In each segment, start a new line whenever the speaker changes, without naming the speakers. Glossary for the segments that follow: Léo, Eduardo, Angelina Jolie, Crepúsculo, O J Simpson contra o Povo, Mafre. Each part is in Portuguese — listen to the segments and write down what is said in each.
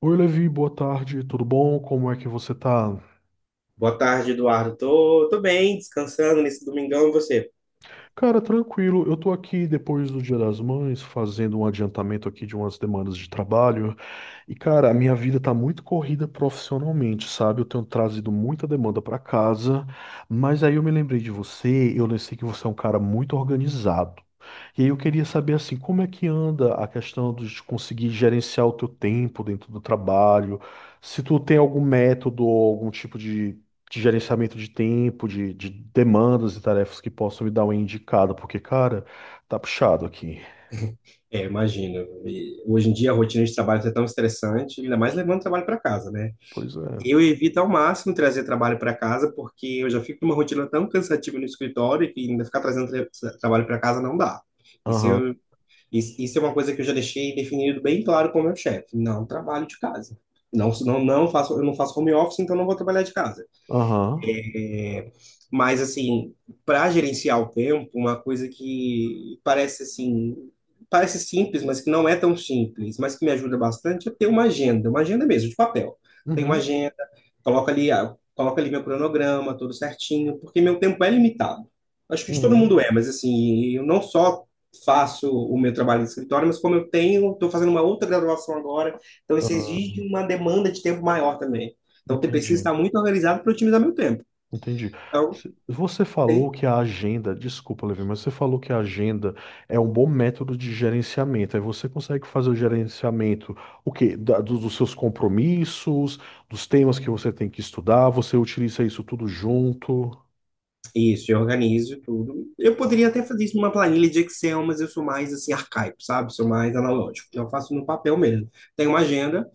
Oi, Levi, boa tarde, tudo bom? Como é que você tá?
Boa tarde, Eduardo. Tô bem, descansando nesse domingão, e você?
Cara, tranquilo, eu tô aqui depois do Dia das Mães, fazendo um adiantamento aqui de umas demandas de trabalho. E, cara, a minha vida tá muito corrida profissionalmente, sabe? Eu tenho trazido muita demanda pra casa, mas aí eu me lembrei de você, eu sei que você é um cara muito organizado. E aí eu queria saber, assim, como é que anda a questão de conseguir gerenciar o teu tempo dentro do trabalho, se tu tem algum método ou algum tipo de gerenciamento de tempo, de demandas e tarefas que possam me dar uma indicada, porque, cara, tá puxado aqui.
É, imagino. E hoje em dia a rotina de trabalho é tão estressante, ainda mais levando trabalho para casa, né?
Pois é.
Eu evito ao máximo trazer trabalho para casa, porque eu já fico numa rotina tão cansativa no escritório que ainda ficar trazendo trabalho para casa não dá. Isso,
Aham,
eu, isso é uma coisa que eu já deixei definido bem claro com o meu chefe. Não trabalho de casa. Não faço, eu não faço home office, então não vou trabalhar de casa.
aham.
É, Mas, assim, para gerenciar o tempo, uma coisa que parece simples, mas que não é tão simples, mas que me ajuda bastante, é ter uma agenda mesmo, de papel. Tenho uma
Uhum.
agenda, coloco ali meu cronograma, tudo certinho, porque meu tempo é limitado. Acho que de todo
Uhum.
mundo é, mas assim, eu não só faço o meu trabalho de escritório, mas estou fazendo uma outra graduação agora, então isso
Ah,
exige uma demanda de tempo maior também. Então, eu preciso
entendi,
estar muito organizado para otimizar meu tempo.
entendi.
Então,
Você falou
tem
que a agenda, desculpa, Levi, mas você falou que a agenda é um bom método de gerenciamento. Aí você consegue fazer o gerenciamento, o quê? Dos seus compromissos, dos temas que você tem que estudar, você utiliza isso tudo junto.
Isso, eu organizo tudo. Eu poderia até fazer isso numa planilha de Excel, mas eu sou mais assim arcaico, sabe? Sou mais
Uhum.
analógico. Então eu faço no papel mesmo. Tenho uma agenda,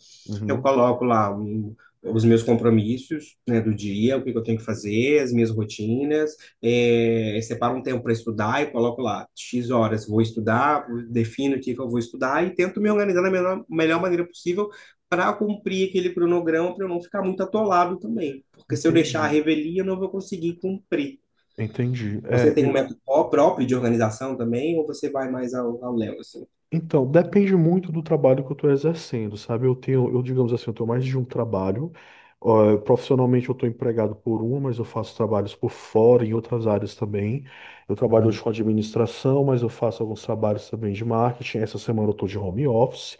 eu
Uhum.
coloco lá um- os meus compromissos, né, do dia, o que que eu tenho que fazer, as minhas rotinas, separo um tempo para estudar e coloco lá X horas vou estudar, defino o que que eu vou estudar e tento me organizar da melhor maneira possível para cumprir aquele cronograma, para eu não ficar muito atolado também. Porque se eu
Entendi,
deixar a revelia, eu não vou conseguir cumprir.
entendi.
Você
É,
tem um método próprio de organização também, ou você vai mais ao Léo, assim?
então, depende muito do trabalho que eu estou exercendo, sabe? Eu digamos assim, eu tenho mais de um trabalho. Ó, profissionalmente eu estou empregado por uma, mas eu faço trabalhos por fora em outras áreas também. Eu trabalho hoje
Entendi.
com administração, mas eu faço alguns trabalhos também de marketing. Essa semana eu estou de home office.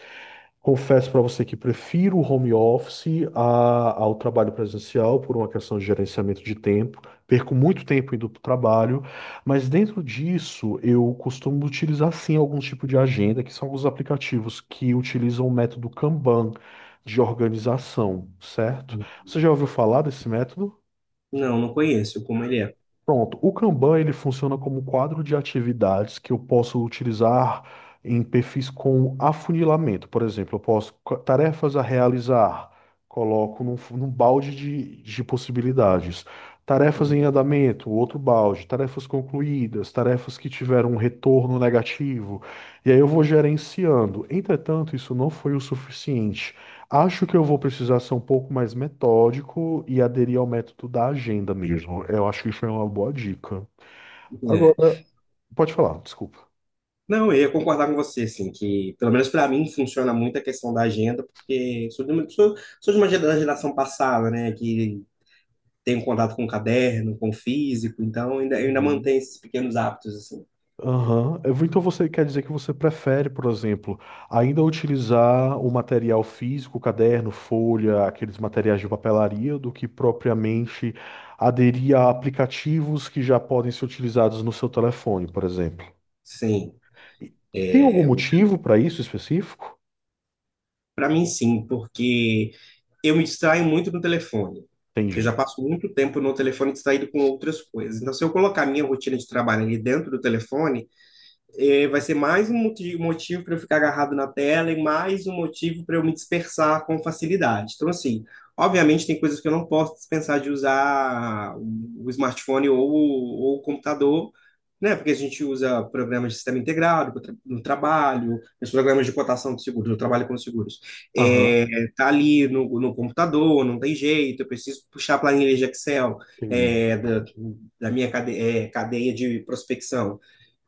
Confesso para você que prefiro o home office ao trabalho presencial por uma questão de gerenciamento de tempo. Perco muito tempo indo para o trabalho. Mas dentro disso, eu costumo utilizar sim algum tipo de agenda, que são alguns aplicativos que utilizam o método Kanban de organização, certo? Você já ouviu falar desse método?
Não, não conheço como ele é.
Pronto, o Kanban ele funciona como um quadro de atividades que eu posso utilizar em perfis com afunilamento. Por exemplo, eu posso tarefas a realizar, coloco num, num balde de possibilidades. Tarefas em andamento, outro balde, tarefas concluídas, tarefas que tiveram um retorno negativo. E aí eu vou gerenciando. Entretanto, isso não foi o suficiente. Acho que eu vou precisar ser um pouco mais metódico e aderir ao método da agenda mesmo. Eu acho que isso é uma boa dica. Agora,
É.
pode falar, desculpa.
Não, eu ia concordar com você, assim, que pelo menos para mim funciona muito a questão da agenda, porque sou de uma da geração passada, né, que tem contato com o caderno, com o físico, então eu ainda
Uhum.
mantenho esses pequenos hábitos, assim.
Aham. Então você quer dizer que você prefere, por exemplo, ainda utilizar o material físico, caderno, folha, aqueles materiais de papelaria, do que propriamente aderir a aplicativos que já podem ser utilizados no seu telefone, por exemplo.
Sim.
E tem algum motivo para isso específico?
Para mim, sim, porque eu me distraio muito no telefone. Eu
Entendi.
já passo muito tempo no telefone distraído com outras coisas. Então, se eu colocar a minha rotina de trabalho ali dentro do telefone, é, vai ser mais um motivo para eu ficar agarrado na tela e mais um motivo para eu me dispersar com facilidade. Então, assim, obviamente tem coisas que eu não posso dispensar de usar o smartphone ou o computador, né? Porque a gente usa programas de sistema integrado no trabalho, os programas de cotação de seguros, eu trabalho com seguros.
Aham,
É, tá ali no computador, não tem jeito, eu preciso puxar a planilha de Excel
entendi.
é, da, da minha cadeia de prospecção.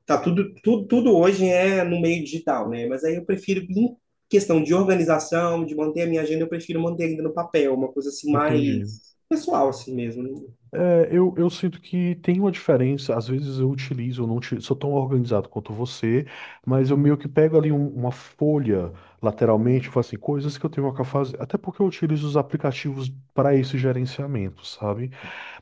Tá, tudo hoje é no meio digital, né? Mas aí eu prefiro, em questão de organização, de manter a minha agenda, eu prefiro manter ainda no papel, uma coisa assim
Entendi.
mais pessoal, assim mesmo.
É, eu sinto que tem uma diferença. Às vezes eu utilizo, eu não uti- sou tão organizado quanto você, mas eu meio que pego ali uma folha lateralmente, faço assim, coisas que eu tenho que fazer. Até porque eu utilizo os aplicativos para esse gerenciamento, sabe?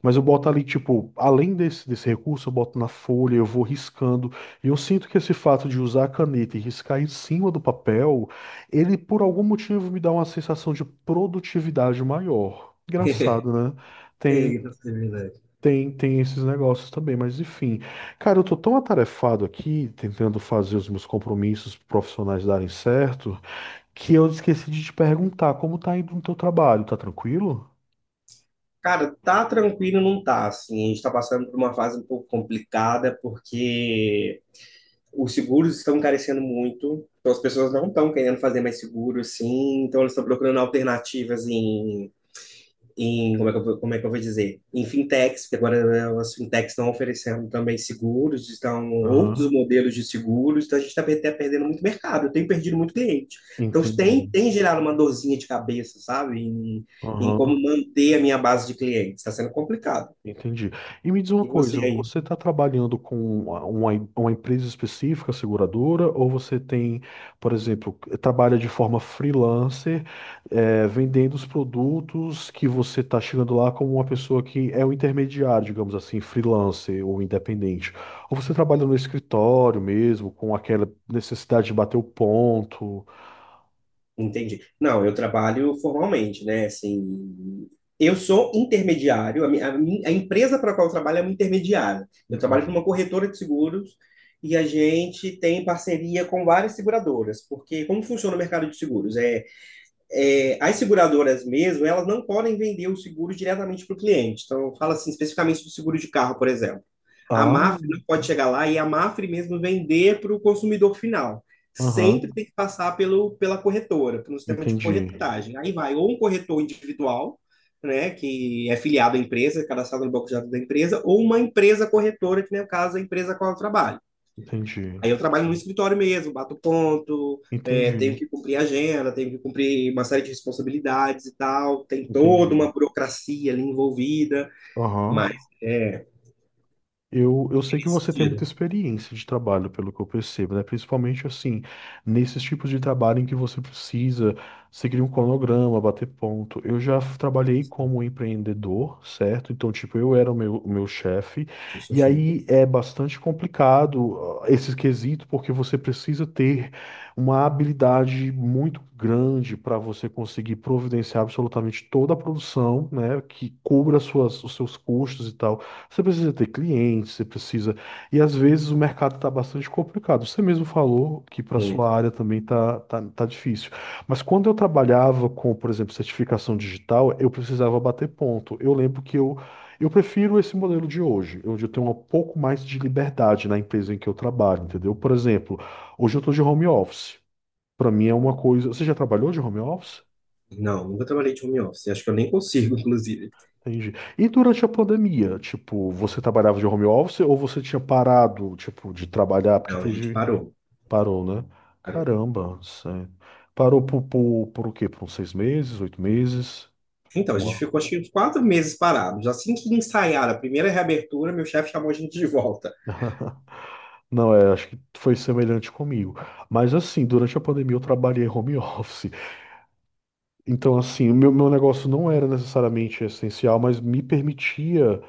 Mas eu boto ali, tipo, além desse recurso, eu boto na folha, eu vou riscando. E eu sinto que esse fato de usar a caneta e riscar em cima do papel, ele por algum motivo me dá uma sensação de produtividade maior. Engraçado, né?
É,
Tem,
nossa, é verdade.
Tem esses negócios também, mas enfim. Cara, eu tô tão atarefado aqui, tentando fazer os meus compromissos profissionais darem certo, que eu esqueci de te perguntar como tá indo no teu trabalho, tá tranquilo?
Cara, tá tranquilo, não tá, assim. A gente tá passando por uma fase um pouco complicada, porque os seguros estão encarecendo muito, então as pessoas não estão querendo fazer mais seguro, assim, então eles estão procurando alternativas em como é que como é que eu vou dizer? Em fintechs, que agora né, as fintechs estão oferecendo também seguros, estão
Aham,
outros modelos de seguros, então a gente está até perdendo muito mercado, eu tenho perdido muito cliente. Então isso
entendi.
tem gerado uma dorzinha de cabeça, sabe? Em como
Aham.
manter a minha base de clientes. Está sendo complicado.
Entendi. E me diz uma
E
coisa,
você aí?
você está trabalhando com uma empresa específica, seguradora, ou você tem, por exemplo, trabalha de forma freelancer, vendendo os produtos que você está chegando lá como uma pessoa que é o intermediário, digamos assim, freelancer ou independente? Ou você trabalha no escritório mesmo, com aquela necessidade de bater o ponto?
Entendi. Não, eu trabalho formalmente, né? Assim, eu sou intermediário, a empresa para a qual eu trabalho é uma intermediária. Eu trabalho com
Entendi.
uma corretora de seguros e a gente tem parceria com várias seguradoras, porque como funciona o mercado de seguros? As seguradoras mesmo, elas não podem vender o seguro diretamente para o cliente. Então, fala assim, especificamente do seguro de carro, por exemplo. A
Ah,
Mafre não pode chegar lá e a Mafre mesmo vender para o consumidor final. Sempre
aham,
tem que passar pela corretora, pelo sistema de
entendi,
corretagem. Aí vai ou um corretor individual, né, que é filiado à empresa, cadastrado no banco de dados da empresa, ou uma empresa corretora, que no caso é a empresa com a qual eu trabalho.
entendi,
Aí eu trabalho no escritório mesmo, bato ponto, é,
entendi,
tenho que cumprir agenda, tenho que cumprir uma série de responsabilidades e tal. Tem toda
entendi.
uma burocracia ali envolvida,
Aham.
mas é
Eu sei que
nesse
você tem muita
sentido.
experiência de trabalho, pelo que eu percebo, né? Principalmente assim, nesses tipos de trabalho em que você precisa seguir um cronograma, bater ponto. Trabalhei como empreendedor, certo? Então, tipo, eu era o meu chefe,
Deixa eu só
e
chegar aqui.
aí é bastante complicado ah, esse quesito, porque você precisa ter uma habilidade muito grande para você conseguir providenciar absolutamente toda a produção, né? Que cubra suas, os seus custos e tal. Você precisa ter clientes, você precisa. E às vezes o mercado está bastante complicado. Você mesmo falou que para
Muito.
sua área também tá difícil. Mas quando eu trabalhava com, por exemplo, certificação digital, eu precisava bater ponto. Eu lembro que Eu prefiro esse modelo de hoje, onde eu tenho um pouco mais de liberdade na empresa em que eu trabalho, entendeu? Por exemplo, hoje eu estou de home office. Para mim é uma coisa. Você já trabalhou de home office?
Não, nunca trabalhei de home office. Acho que eu nem consigo, inclusive.
Entendi. E durante a pandemia, tipo, você trabalhava de home office ou você tinha parado, tipo, de trabalhar porque
Não, a gente
teve...
parou.
Parou, né?
Parou.
Caramba, sério. Parou por o quê? Por uns seis meses, oito meses?
Então, a
Um
gente
ano.
ficou acho que uns 4 meses parados. Assim que ensaiaram a primeira reabertura, meu chefe chamou a gente de volta.
Não, é, acho que foi semelhante comigo. Mas assim, durante a pandemia eu trabalhei home office. Então, assim, meu negócio não era necessariamente essencial, mas me permitia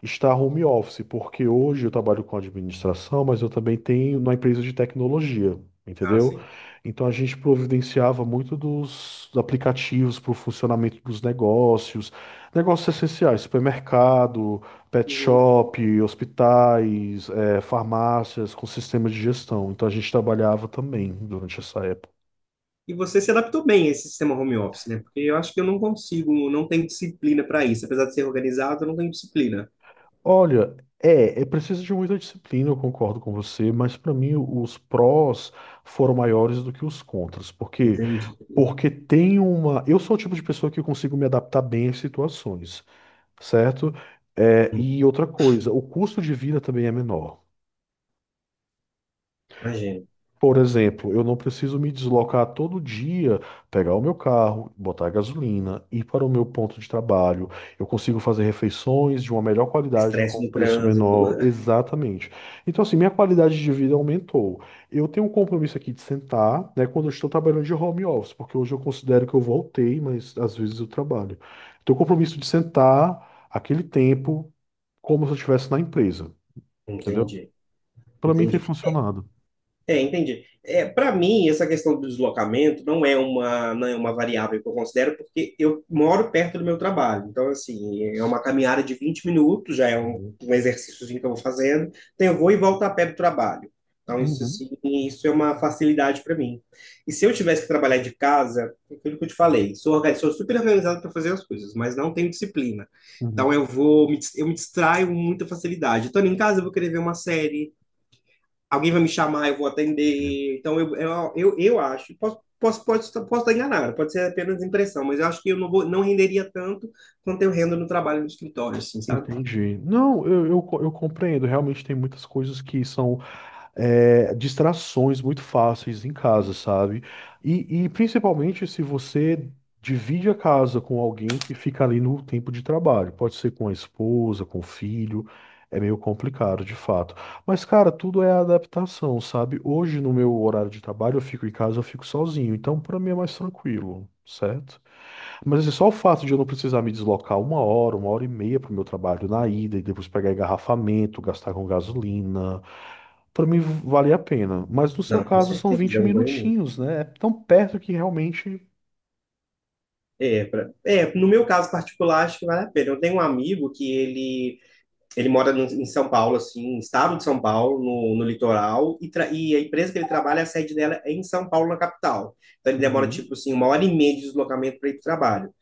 está home office, porque hoje eu trabalho com administração, mas eu também tenho na empresa de tecnologia,
Ah,
entendeu?
sim.
Então a gente providenciava muito dos aplicativos para o funcionamento dos negócios, negócios essenciais, supermercado, pet
Uhum.
shop, hospitais, farmácias com sistema de gestão. Então a gente trabalhava também durante essa época.
E você se adaptou bem a esse sistema home office, né? Porque eu acho que eu não consigo, não tenho disciplina para isso. Apesar de ser organizado, eu não tenho disciplina.
Olha, é, é preciso de muita disciplina, eu concordo com você, mas para mim os prós foram maiores do que os contras, porque
Entendi.
porque tem uma, eu sou o tipo de pessoa que consigo me adaptar bem às situações, certo? É,
Hum,
e outra coisa, o custo de vida também é menor.
Imagino.
Por exemplo, eu não preciso me deslocar todo dia, pegar o meu carro, botar gasolina, ir para o meu ponto de trabalho. Eu consigo fazer refeições de uma melhor qualidade
Estresse
com
no
preço
trânsito.
menor, exatamente. Então, assim, minha qualidade de vida aumentou. Eu tenho um compromisso aqui de sentar, né, quando eu estou trabalhando de home office, porque hoje eu considero que eu voltei, mas às vezes eu trabalho. Tenho o compromisso de sentar aquele tempo como se eu estivesse na empresa, entendeu?
Entendi.
Para mim tem
Entendi.
funcionado.
É, entendi. É, para mim, essa questão do deslocamento não é uma, não é uma variável que eu considero, porque eu moro perto do meu trabalho. Então, assim, é uma caminhada de 20 minutos, já é
Uhum.
um exercíciozinho que eu vou fazendo. Então, eu vou e volto a pé do trabalho. Então, isso,
Uhum.
assim, isso é uma facilidade para mim. E se eu tivesse que trabalhar de casa, é aquilo que eu te falei, sou super organizado para fazer as coisas, mas não tenho disciplina.
Uhum.
Então, eu me distraio com muita facilidade. Estando em casa, eu vou querer ver uma série, alguém vai me chamar, eu vou atender. Então, eu acho, posso estar enganado, pode ser apenas impressão, mas eu acho que eu não, vou, não renderia tanto quanto eu rendo no trabalho no escritório, assim, sabe?
Entendi. Não, eu compreendo. Realmente tem muitas coisas que são é, distrações muito fáceis em casa, sabe? E principalmente se você divide a casa com alguém que fica ali no tempo de trabalho. Pode ser com a esposa, com o filho. É meio complicado, de fato. Mas, cara, tudo é adaptação, sabe? Hoje, no meu horário de trabalho, eu fico em casa, eu fico sozinho. Então, pra mim é mais tranquilo, certo? Mas assim, só o fato de eu não precisar me deslocar uma hora e meia para o meu trabalho na ida e depois pegar engarrafamento, gastar com gasolina, para mim vale a pena. Mas no seu
Não, com
caso são
certeza,
20
é um ganho muito.
minutinhos, né? É tão perto que realmente.
No meu caso particular, acho que vale a pena. Eu tenho um amigo que ele mora no, em São Paulo, assim, no estado de São Paulo, no litoral, e a empresa que ele trabalha, a sede dela é em São Paulo, na capital. Então ele demora,
Uhum.
tipo assim, 1 hora e meia de deslocamento para ir para o trabalho.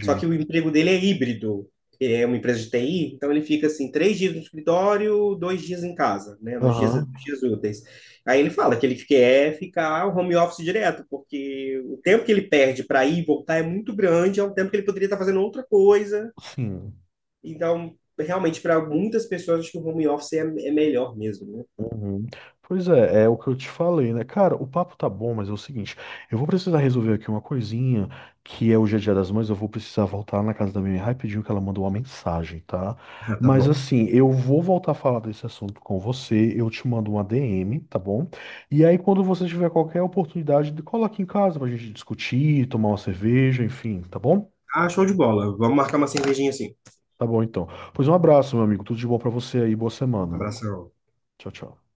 Só que o emprego dele é híbrido. Ele é uma empresa de TI, então ele fica assim, 3 dias no escritório, 2 dias em casa, né? Nos
Aham,
dias úteis. Aí ele fala que ele quer ficar home office direto, porque o tempo que ele perde para ir e voltar é muito grande, é um tempo que ele poderia estar fazendo outra coisa.
sim.
Então, realmente, para muitas pessoas, acho que o home office é melhor mesmo, né?
Uhum. Pois é, é o que eu te falei, né? Cara, o papo tá bom, mas é o seguinte, eu vou precisar resolver aqui uma coisinha, que é o Dia a Dia das Mães, eu vou precisar voltar na casa da minha mãe rapidinho que ela mandou uma mensagem, tá?
Ah, tá
Mas
bom.
assim, eu vou voltar a falar desse assunto com você, eu te mando uma DM, tá bom? E aí quando você tiver qualquer oportunidade, cola aqui em casa pra gente discutir, tomar uma cerveja, enfim, tá bom?
Ah, show de bola. Vamos marcar uma cervejinha assim.
Tá bom então. Pois um abraço, meu amigo, tudo de bom pra você aí, boa semana.
Abração.
Tchau, tchau.